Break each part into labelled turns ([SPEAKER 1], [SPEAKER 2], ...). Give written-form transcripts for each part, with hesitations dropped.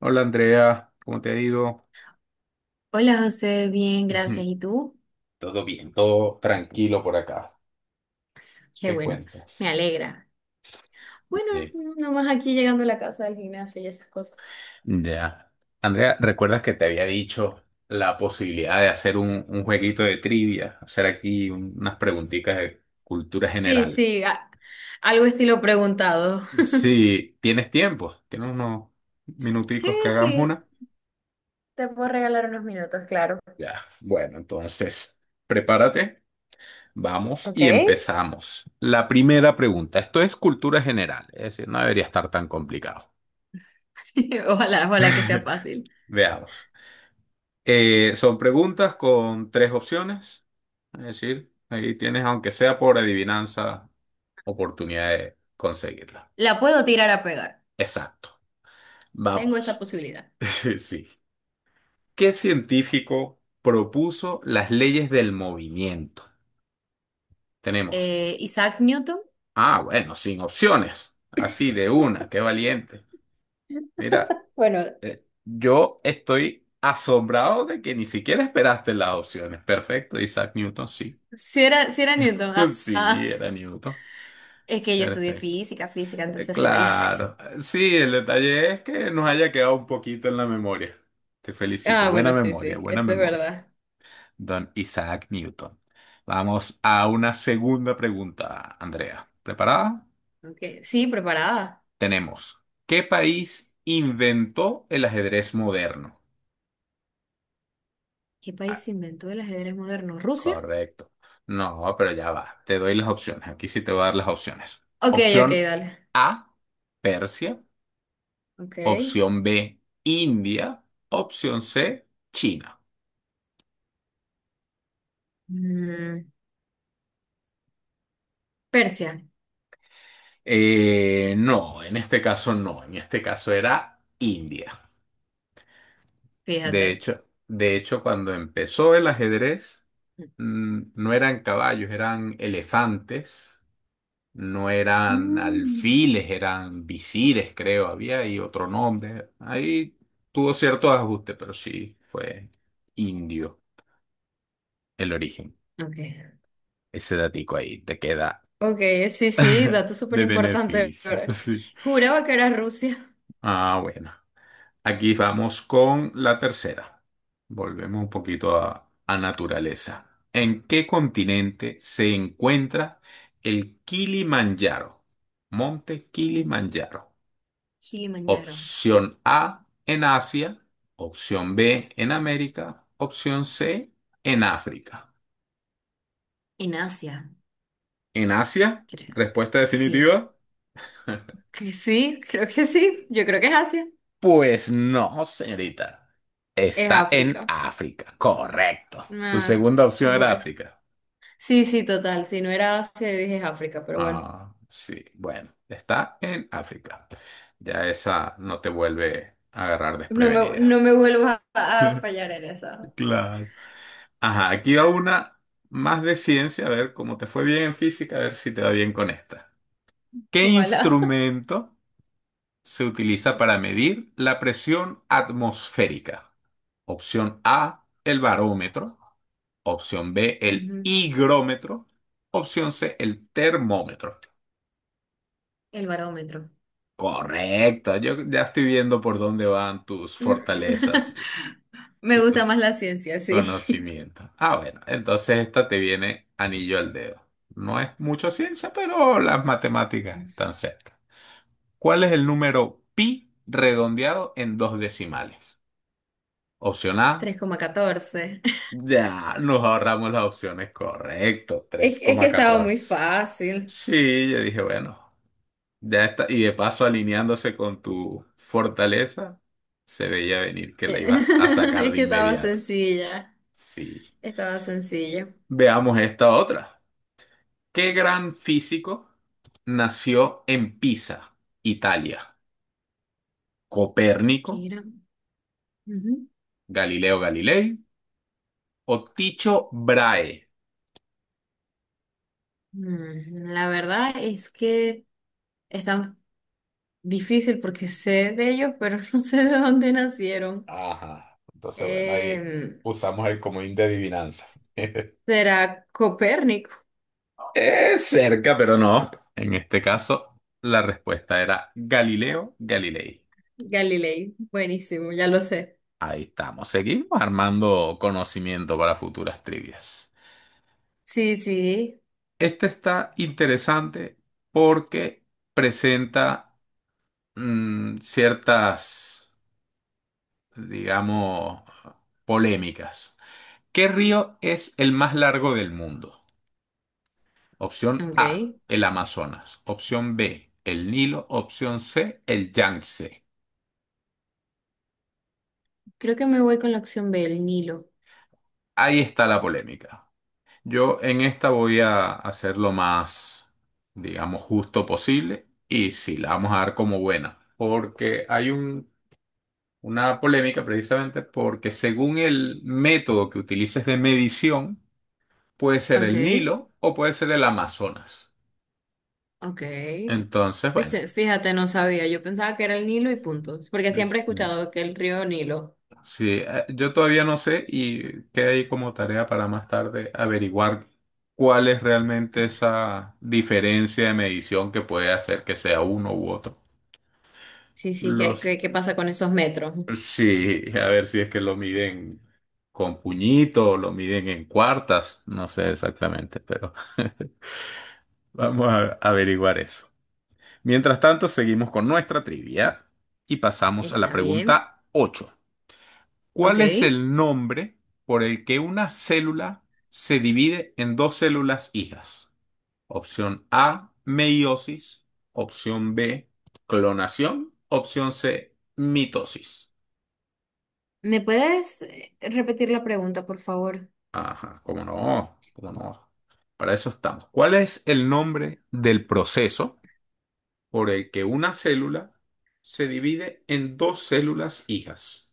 [SPEAKER 1] Hola Andrea, ¿cómo te ha ido?
[SPEAKER 2] Hola José, bien, gracias.
[SPEAKER 1] Ujú.
[SPEAKER 2] ¿Y tú?
[SPEAKER 1] Todo bien, todo tranquilo por acá.
[SPEAKER 2] Qué
[SPEAKER 1] ¿Qué
[SPEAKER 2] bueno, me
[SPEAKER 1] cuentas?
[SPEAKER 2] alegra. Bueno,
[SPEAKER 1] Bien.
[SPEAKER 2] nomás aquí llegando a la casa del gimnasio y esas cosas.
[SPEAKER 1] Ya. Andrea, ¿recuerdas que te había dicho la posibilidad de hacer un jueguito de trivia? Hacer aquí unas preguntitas de cultura
[SPEAKER 2] Sí,
[SPEAKER 1] general.
[SPEAKER 2] sí, algo estilo preguntado.
[SPEAKER 1] Sí, ¿tienes tiempo? Tiene unos
[SPEAKER 2] Sí,
[SPEAKER 1] minuticos que hagamos
[SPEAKER 2] sí,
[SPEAKER 1] una.
[SPEAKER 2] te puedo regalar unos minutos, claro.
[SPEAKER 1] Ya. Bueno, entonces, prepárate. Vamos
[SPEAKER 2] Ok.
[SPEAKER 1] y empezamos. La primera pregunta. Esto es cultura general, es decir, no debería estar tan complicado.
[SPEAKER 2] Ojalá, ojalá que sea fácil.
[SPEAKER 1] Veamos. Son preguntas con tres opciones. Es decir, ahí tienes, aunque sea por adivinanza, oportunidad de conseguirla.
[SPEAKER 2] La puedo tirar a pegar.
[SPEAKER 1] Exacto.
[SPEAKER 2] Tengo esa
[SPEAKER 1] Vamos.
[SPEAKER 2] posibilidad.
[SPEAKER 1] Sí. ¿Qué científico propuso las leyes del movimiento? Tenemos.
[SPEAKER 2] Isaac Newton.
[SPEAKER 1] Ah, bueno, sin opciones. Así de una, qué valiente. Mira,
[SPEAKER 2] Bueno,
[SPEAKER 1] yo estoy asombrado de que ni siquiera esperaste las opciones. Perfecto, Isaac Newton, sí.
[SPEAKER 2] si era, si era Newton.
[SPEAKER 1] Sí,
[SPEAKER 2] Sí,
[SPEAKER 1] era Newton.
[SPEAKER 2] es que yo estudié
[SPEAKER 1] Perfecto.
[SPEAKER 2] física, entonces sí me la sé.
[SPEAKER 1] Claro. Sí, el detalle es que nos haya quedado un poquito en la memoria. Te felicito.
[SPEAKER 2] Ah,
[SPEAKER 1] Buena
[SPEAKER 2] bueno, sí,
[SPEAKER 1] memoria,
[SPEAKER 2] sí,
[SPEAKER 1] buena
[SPEAKER 2] eso es
[SPEAKER 1] memoria.
[SPEAKER 2] verdad.
[SPEAKER 1] Don Isaac Newton. Vamos a una segunda pregunta, Andrea. ¿Preparada?
[SPEAKER 2] Ok, sí, preparada.
[SPEAKER 1] Tenemos. ¿Qué país inventó el ajedrez moderno?
[SPEAKER 2] ¿Qué
[SPEAKER 1] Ah,
[SPEAKER 2] país inventó el ajedrez moderno? ¿Rusia?
[SPEAKER 1] correcto. No, pero ya va. Te doy las opciones. Aquí sí te voy a dar las opciones.
[SPEAKER 2] Ok, ok,
[SPEAKER 1] Opción
[SPEAKER 2] dale.
[SPEAKER 1] A, Persia.
[SPEAKER 2] Ok.
[SPEAKER 1] Opción B, India. Opción C, China.
[SPEAKER 2] Mm, Persia,
[SPEAKER 1] No, en este caso no, en este caso era India.
[SPEAKER 2] fíjate.
[SPEAKER 1] De hecho, cuando empezó el ajedrez, no eran caballos, eran elefantes, no eran
[SPEAKER 2] Mm.
[SPEAKER 1] alfiles, eran visires, creo, había ahí otro nombre. Ahí tuvo ciertos ajustes, pero sí fue indio el origen.
[SPEAKER 2] Ok.
[SPEAKER 1] Ese datico ahí te queda.
[SPEAKER 2] Ok, sí, sí, dato súper
[SPEAKER 1] De
[SPEAKER 2] importante.
[SPEAKER 1] beneficio, sí.
[SPEAKER 2] Juraba que era Rusia.
[SPEAKER 1] Ah, bueno. Aquí vamos con la tercera. Volvemos un poquito a naturaleza. ¿En qué continente se encuentra el Kilimanjaro? Monte
[SPEAKER 2] En
[SPEAKER 1] Kilimanjaro.
[SPEAKER 2] Kilimanjaro.
[SPEAKER 1] Opción A en Asia, opción B en América, opción C en África.
[SPEAKER 2] En Asia,
[SPEAKER 1] ¿En Asia?
[SPEAKER 2] creo.
[SPEAKER 1] Respuesta
[SPEAKER 2] Sí,
[SPEAKER 1] definitiva.
[SPEAKER 2] que sí, creo que sí. Yo creo que es Asia.
[SPEAKER 1] Pues no, señorita.
[SPEAKER 2] Es
[SPEAKER 1] Está en
[SPEAKER 2] África.
[SPEAKER 1] África, correcto. Tu
[SPEAKER 2] Ah,
[SPEAKER 1] segunda opción era
[SPEAKER 2] bueno.
[SPEAKER 1] África.
[SPEAKER 2] Sí, sí, total. Si no era Asia, yo dije es África, pero bueno.
[SPEAKER 1] Ah, sí, bueno, está en África. Ya esa no te vuelve a agarrar
[SPEAKER 2] No
[SPEAKER 1] desprevenida.
[SPEAKER 2] me vuelvas a fallar en esa.
[SPEAKER 1] Claro. Ajá, aquí va una más de ciencia, a ver cómo te fue bien en física, a ver si te va bien con esta. ¿Qué
[SPEAKER 2] Ojalá.
[SPEAKER 1] instrumento se utiliza
[SPEAKER 2] Ok.
[SPEAKER 1] para medir la presión atmosférica? Opción A, el barómetro. Opción B, el
[SPEAKER 2] Ujú.
[SPEAKER 1] higrómetro. Opción C, el termómetro.
[SPEAKER 2] El barómetro.
[SPEAKER 1] Correcto, yo ya estoy viendo por dónde van tus fortalezas
[SPEAKER 2] Me
[SPEAKER 1] y
[SPEAKER 2] gusta
[SPEAKER 1] tus
[SPEAKER 2] más la ciencia, sí.
[SPEAKER 1] conocimientos. Ah, bueno, entonces esta te viene anillo al dedo. No es mucha ciencia, pero las matemáticas están cerca. ¿Cuál es el número pi redondeado en dos decimales? Opción A.
[SPEAKER 2] 3,14.
[SPEAKER 1] Ya, nos ahorramos las opciones, correcto, Tres
[SPEAKER 2] Es que
[SPEAKER 1] coma
[SPEAKER 2] estaba muy
[SPEAKER 1] catorce.
[SPEAKER 2] fácil.
[SPEAKER 1] Sí, yo dije, bueno, ya está. Y de paso, alineándose con tu fortaleza, se veía venir que la ibas a sacar
[SPEAKER 2] Es
[SPEAKER 1] de
[SPEAKER 2] que estaba
[SPEAKER 1] inmediato.
[SPEAKER 2] sencilla.
[SPEAKER 1] Sí.
[SPEAKER 2] Estaba sencilla.
[SPEAKER 1] Veamos esta otra. ¿Qué gran físico nació en Pisa, Italia? ¿Copérnico,
[SPEAKER 2] ¿Qué era? Ujú.
[SPEAKER 1] Galileo Galilei o Ticho Brahe?
[SPEAKER 2] La verdad es que es tan difícil porque sé de ellos, pero no sé de dónde nacieron.
[SPEAKER 1] Ajá. Entonces, bueno, ahí
[SPEAKER 2] Em,
[SPEAKER 1] usamos el comodín de adivinanza.
[SPEAKER 2] ¿Será Copérnico?
[SPEAKER 1] Cerca, pero no. En este caso, la respuesta era Galileo Galilei.
[SPEAKER 2] Galilei, buenísimo, ya lo sé.
[SPEAKER 1] Ahí estamos. Seguimos armando conocimiento para futuras trivias.
[SPEAKER 2] Sí, sí,
[SPEAKER 1] Este está interesante porque presenta ciertas, digamos, polémicas. ¿Qué río es el más largo del mundo? Opción
[SPEAKER 2] ok.
[SPEAKER 1] A, el Amazonas. Opción B, el Nilo. Opción C, el Yangtze.
[SPEAKER 2] Creo que me voy con la opción B, el Nilo.
[SPEAKER 1] Ahí está la polémica. Yo en esta voy a hacer lo más, digamos, justo posible y sí, la vamos a dar como buena, porque hay una polémica precisamente porque según el método que utilices de medición, puede ser
[SPEAKER 2] Ok,
[SPEAKER 1] el Nilo o puede ser el Amazonas.
[SPEAKER 2] ok.
[SPEAKER 1] Entonces, bueno,
[SPEAKER 2] Viste, fíjate, no sabía, yo pensaba que era el Nilo y punto, porque siempre he
[SPEAKER 1] sí,
[SPEAKER 2] escuchado que el río Nilo.
[SPEAKER 1] sí, yo todavía no sé y queda ahí como tarea para más tarde averiguar cuál es realmente esa diferencia de medición que puede hacer que sea uno u otro.
[SPEAKER 2] Sí, sí,
[SPEAKER 1] Los,
[SPEAKER 2] ¿qué pasa con esos metros?
[SPEAKER 1] sí, a ver si es que lo miden con puñito o lo miden en cuartas, no sé exactamente, pero vamos a averiguar eso. Mientras tanto, seguimos con nuestra trivia y pasamos a la
[SPEAKER 2] Está bien,
[SPEAKER 1] pregunta 8.
[SPEAKER 2] ok.
[SPEAKER 1] ¿Cuál es el nombre por el que una célula se divide en dos células hijas? Opción A, meiosis, opción B, clonación, opción C, mitosis.
[SPEAKER 2] ¿Me puedes repetir la pregunta, por favor?
[SPEAKER 1] Ajá, cómo no, cómo no. Para eso estamos. ¿Cuál es el nombre del proceso por el que una célula se divide en dos células hijas?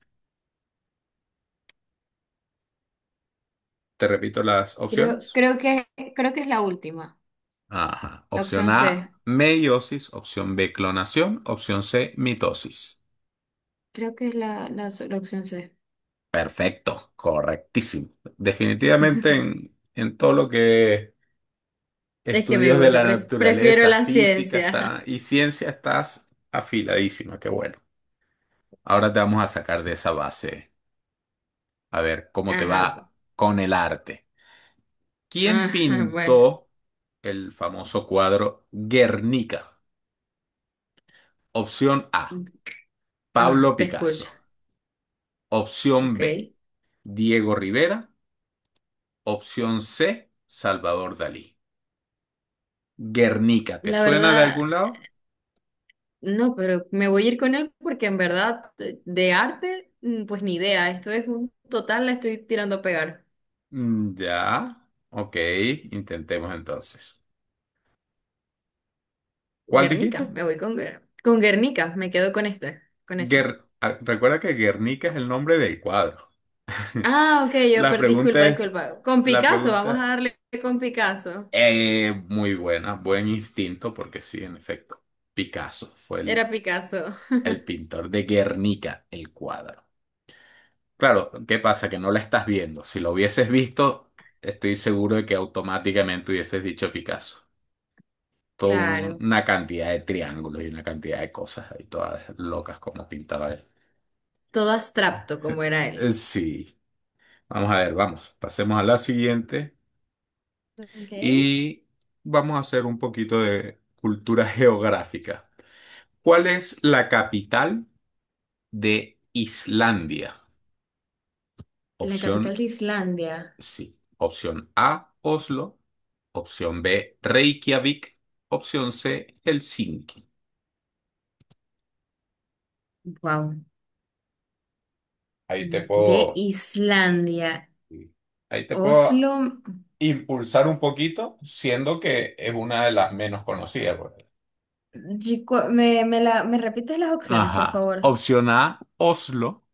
[SPEAKER 1] Te repito las
[SPEAKER 2] Creo,
[SPEAKER 1] opciones.
[SPEAKER 2] creo que, creo que es la última,
[SPEAKER 1] Ajá.
[SPEAKER 2] la
[SPEAKER 1] Opción
[SPEAKER 2] opción
[SPEAKER 1] A,
[SPEAKER 2] C.
[SPEAKER 1] meiosis. Opción B, clonación. Opción C, mitosis.
[SPEAKER 2] Creo que es la opción C.
[SPEAKER 1] Perfecto, correctísimo. Definitivamente en todo lo que
[SPEAKER 2] Es que me
[SPEAKER 1] estudios de
[SPEAKER 2] gusta,
[SPEAKER 1] la
[SPEAKER 2] prefiero
[SPEAKER 1] naturaleza,
[SPEAKER 2] la
[SPEAKER 1] física
[SPEAKER 2] ciencia.
[SPEAKER 1] está, y ciencia estás afiladísima. Qué bueno. Ahora te vamos a sacar de esa base. A ver cómo te
[SPEAKER 2] Ajá, bu-
[SPEAKER 1] va con el arte. ¿Quién
[SPEAKER 2] ajá, bueno,
[SPEAKER 1] pintó el famoso cuadro Guernica? Opción A,
[SPEAKER 2] ah,
[SPEAKER 1] Pablo
[SPEAKER 2] te escucho,
[SPEAKER 1] Picasso. Opción B,
[SPEAKER 2] ok.
[SPEAKER 1] Diego Rivera. Opción C, Salvador Dalí. Guernica, ¿te
[SPEAKER 2] La
[SPEAKER 1] suena de
[SPEAKER 2] verdad,
[SPEAKER 1] algún lado?
[SPEAKER 2] no, pero me voy a ir con él porque en verdad de arte, pues ni idea, esto es un total, la estoy tirando a pegar.
[SPEAKER 1] Mm, ya. Ok, intentemos entonces. ¿Cuál
[SPEAKER 2] Guernica,
[SPEAKER 1] dijiste?
[SPEAKER 2] me voy con, con Guernica, me quedo con este, con ese.
[SPEAKER 1] Guer- ah, recuerda que Guernica es el nombre del cuadro.
[SPEAKER 2] Ah, ok, yo
[SPEAKER 1] La
[SPEAKER 2] perdí,
[SPEAKER 1] pregunta
[SPEAKER 2] disculpa,
[SPEAKER 1] es,
[SPEAKER 2] disculpa. Con
[SPEAKER 1] la
[SPEAKER 2] Picasso, vamos a
[SPEAKER 1] pregunta,
[SPEAKER 2] darle con Picasso.
[SPEAKER 1] muy buena, buen instinto, porque sí, en efecto, Picasso fue
[SPEAKER 2] Era
[SPEAKER 1] el,
[SPEAKER 2] Picasso.
[SPEAKER 1] el pintor de Guernica, el cuadro. Claro, ¿qué pasa? Que no la estás viendo. Si lo hubieses visto, estoy seguro de que automáticamente hubieses dicho Picasso. Toda
[SPEAKER 2] Claro,
[SPEAKER 1] una cantidad de triángulos y una cantidad de cosas ahí, todas locas como pintaba él.
[SPEAKER 2] todo abstracto como era él.
[SPEAKER 1] Sí, vamos a ver, vamos, pasemos a la siguiente.
[SPEAKER 2] Ok.
[SPEAKER 1] Y vamos a hacer un poquito de cultura geográfica. ¿Cuál es la capital de Islandia?
[SPEAKER 2] La capital
[SPEAKER 1] Opción
[SPEAKER 2] de Islandia.
[SPEAKER 1] sí. Opción A, Oslo. Opción B, Reykjavik. Opción C, Helsinki.
[SPEAKER 2] Wow.
[SPEAKER 1] Ahí te
[SPEAKER 2] De
[SPEAKER 1] puedo,
[SPEAKER 2] Islandia.
[SPEAKER 1] ahí te puedo
[SPEAKER 2] Oslo.
[SPEAKER 1] impulsar un poquito, siendo que es una de las menos conocidas. Porque-
[SPEAKER 2] Me repites las opciones, por
[SPEAKER 1] ajá.
[SPEAKER 2] favor?
[SPEAKER 1] Opción A, Oslo.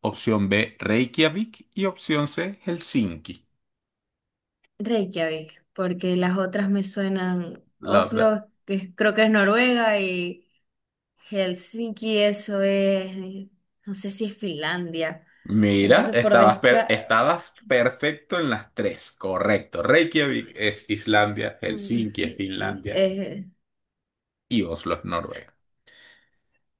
[SPEAKER 1] Opción B, Reykjavik. Y opción C, Helsinki.
[SPEAKER 2] Reykjavik, porque las otras me suenan.
[SPEAKER 1] La otra.
[SPEAKER 2] Oslo, creo que es Noruega, y Helsinki, eso es. No sé si es Finlandia.
[SPEAKER 1] Mira,
[SPEAKER 2] Entonces, por
[SPEAKER 1] estabas,
[SPEAKER 2] desca.
[SPEAKER 1] estabas perfecto en las tres. Correcto. Reykjavik es Islandia,
[SPEAKER 2] Mm,
[SPEAKER 1] Helsinki es Finlandia
[SPEAKER 2] eh,
[SPEAKER 1] y Oslo es Noruega.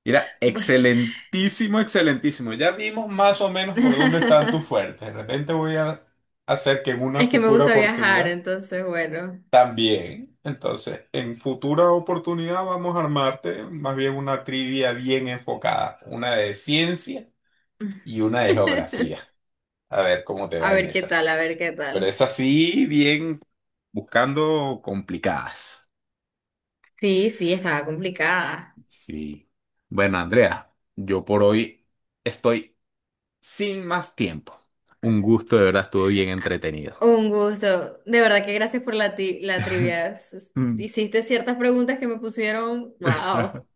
[SPEAKER 1] Mira,
[SPEAKER 2] bu-
[SPEAKER 1] excelentísimo, excelentísimo. Ya vimos más o menos por dónde están tus fuertes. De repente voy a hacer que en una
[SPEAKER 2] es que me
[SPEAKER 1] futura
[SPEAKER 2] gusta viajar,
[SPEAKER 1] oportunidad
[SPEAKER 2] entonces, bueno.
[SPEAKER 1] también. Entonces, en futura oportunidad vamos a armarte más bien una trivia bien enfocada. Una de ciencia y una de geografía. A ver cómo te
[SPEAKER 2] A
[SPEAKER 1] va en
[SPEAKER 2] ver qué tal, a
[SPEAKER 1] esas.
[SPEAKER 2] ver qué
[SPEAKER 1] Pero
[SPEAKER 2] tal.
[SPEAKER 1] es así, bien buscando complicadas.
[SPEAKER 2] Sí, sí, estaba complicada.
[SPEAKER 1] Sí. Bueno, Andrea, yo por hoy estoy sin más tiempo. Un gusto, de verdad, estuvo bien
[SPEAKER 2] Ah,
[SPEAKER 1] entretenido.
[SPEAKER 2] un gusto. De verdad que gracias por la trivia.
[SPEAKER 1] Mm.
[SPEAKER 2] Hiciste ciertas preguntas que me pusieron, wow,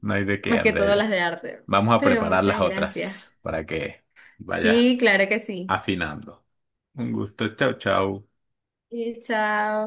[SPEAKER 1] No hay de qué,
[SPEAKER 2] más que
[SPEAKER 1] Andrea.
[SPEAKER 2] todo
[SPEAKER 1] Ya.
[SPEAKER 2] las de arte.
[SPEAKER 1] Vamos a
[SPEAKER 2] Pero
[SPEAKER 1] preparar las
[SPEAKER 2] muchas gracias.
[SPEAKER 1] otras para que vayas
[SPEAKER 2] Sí, claro que sí.
[SPEAKER 1] afinando. Un gusto, chao, chao.
[SPEAKER 2] Y chao.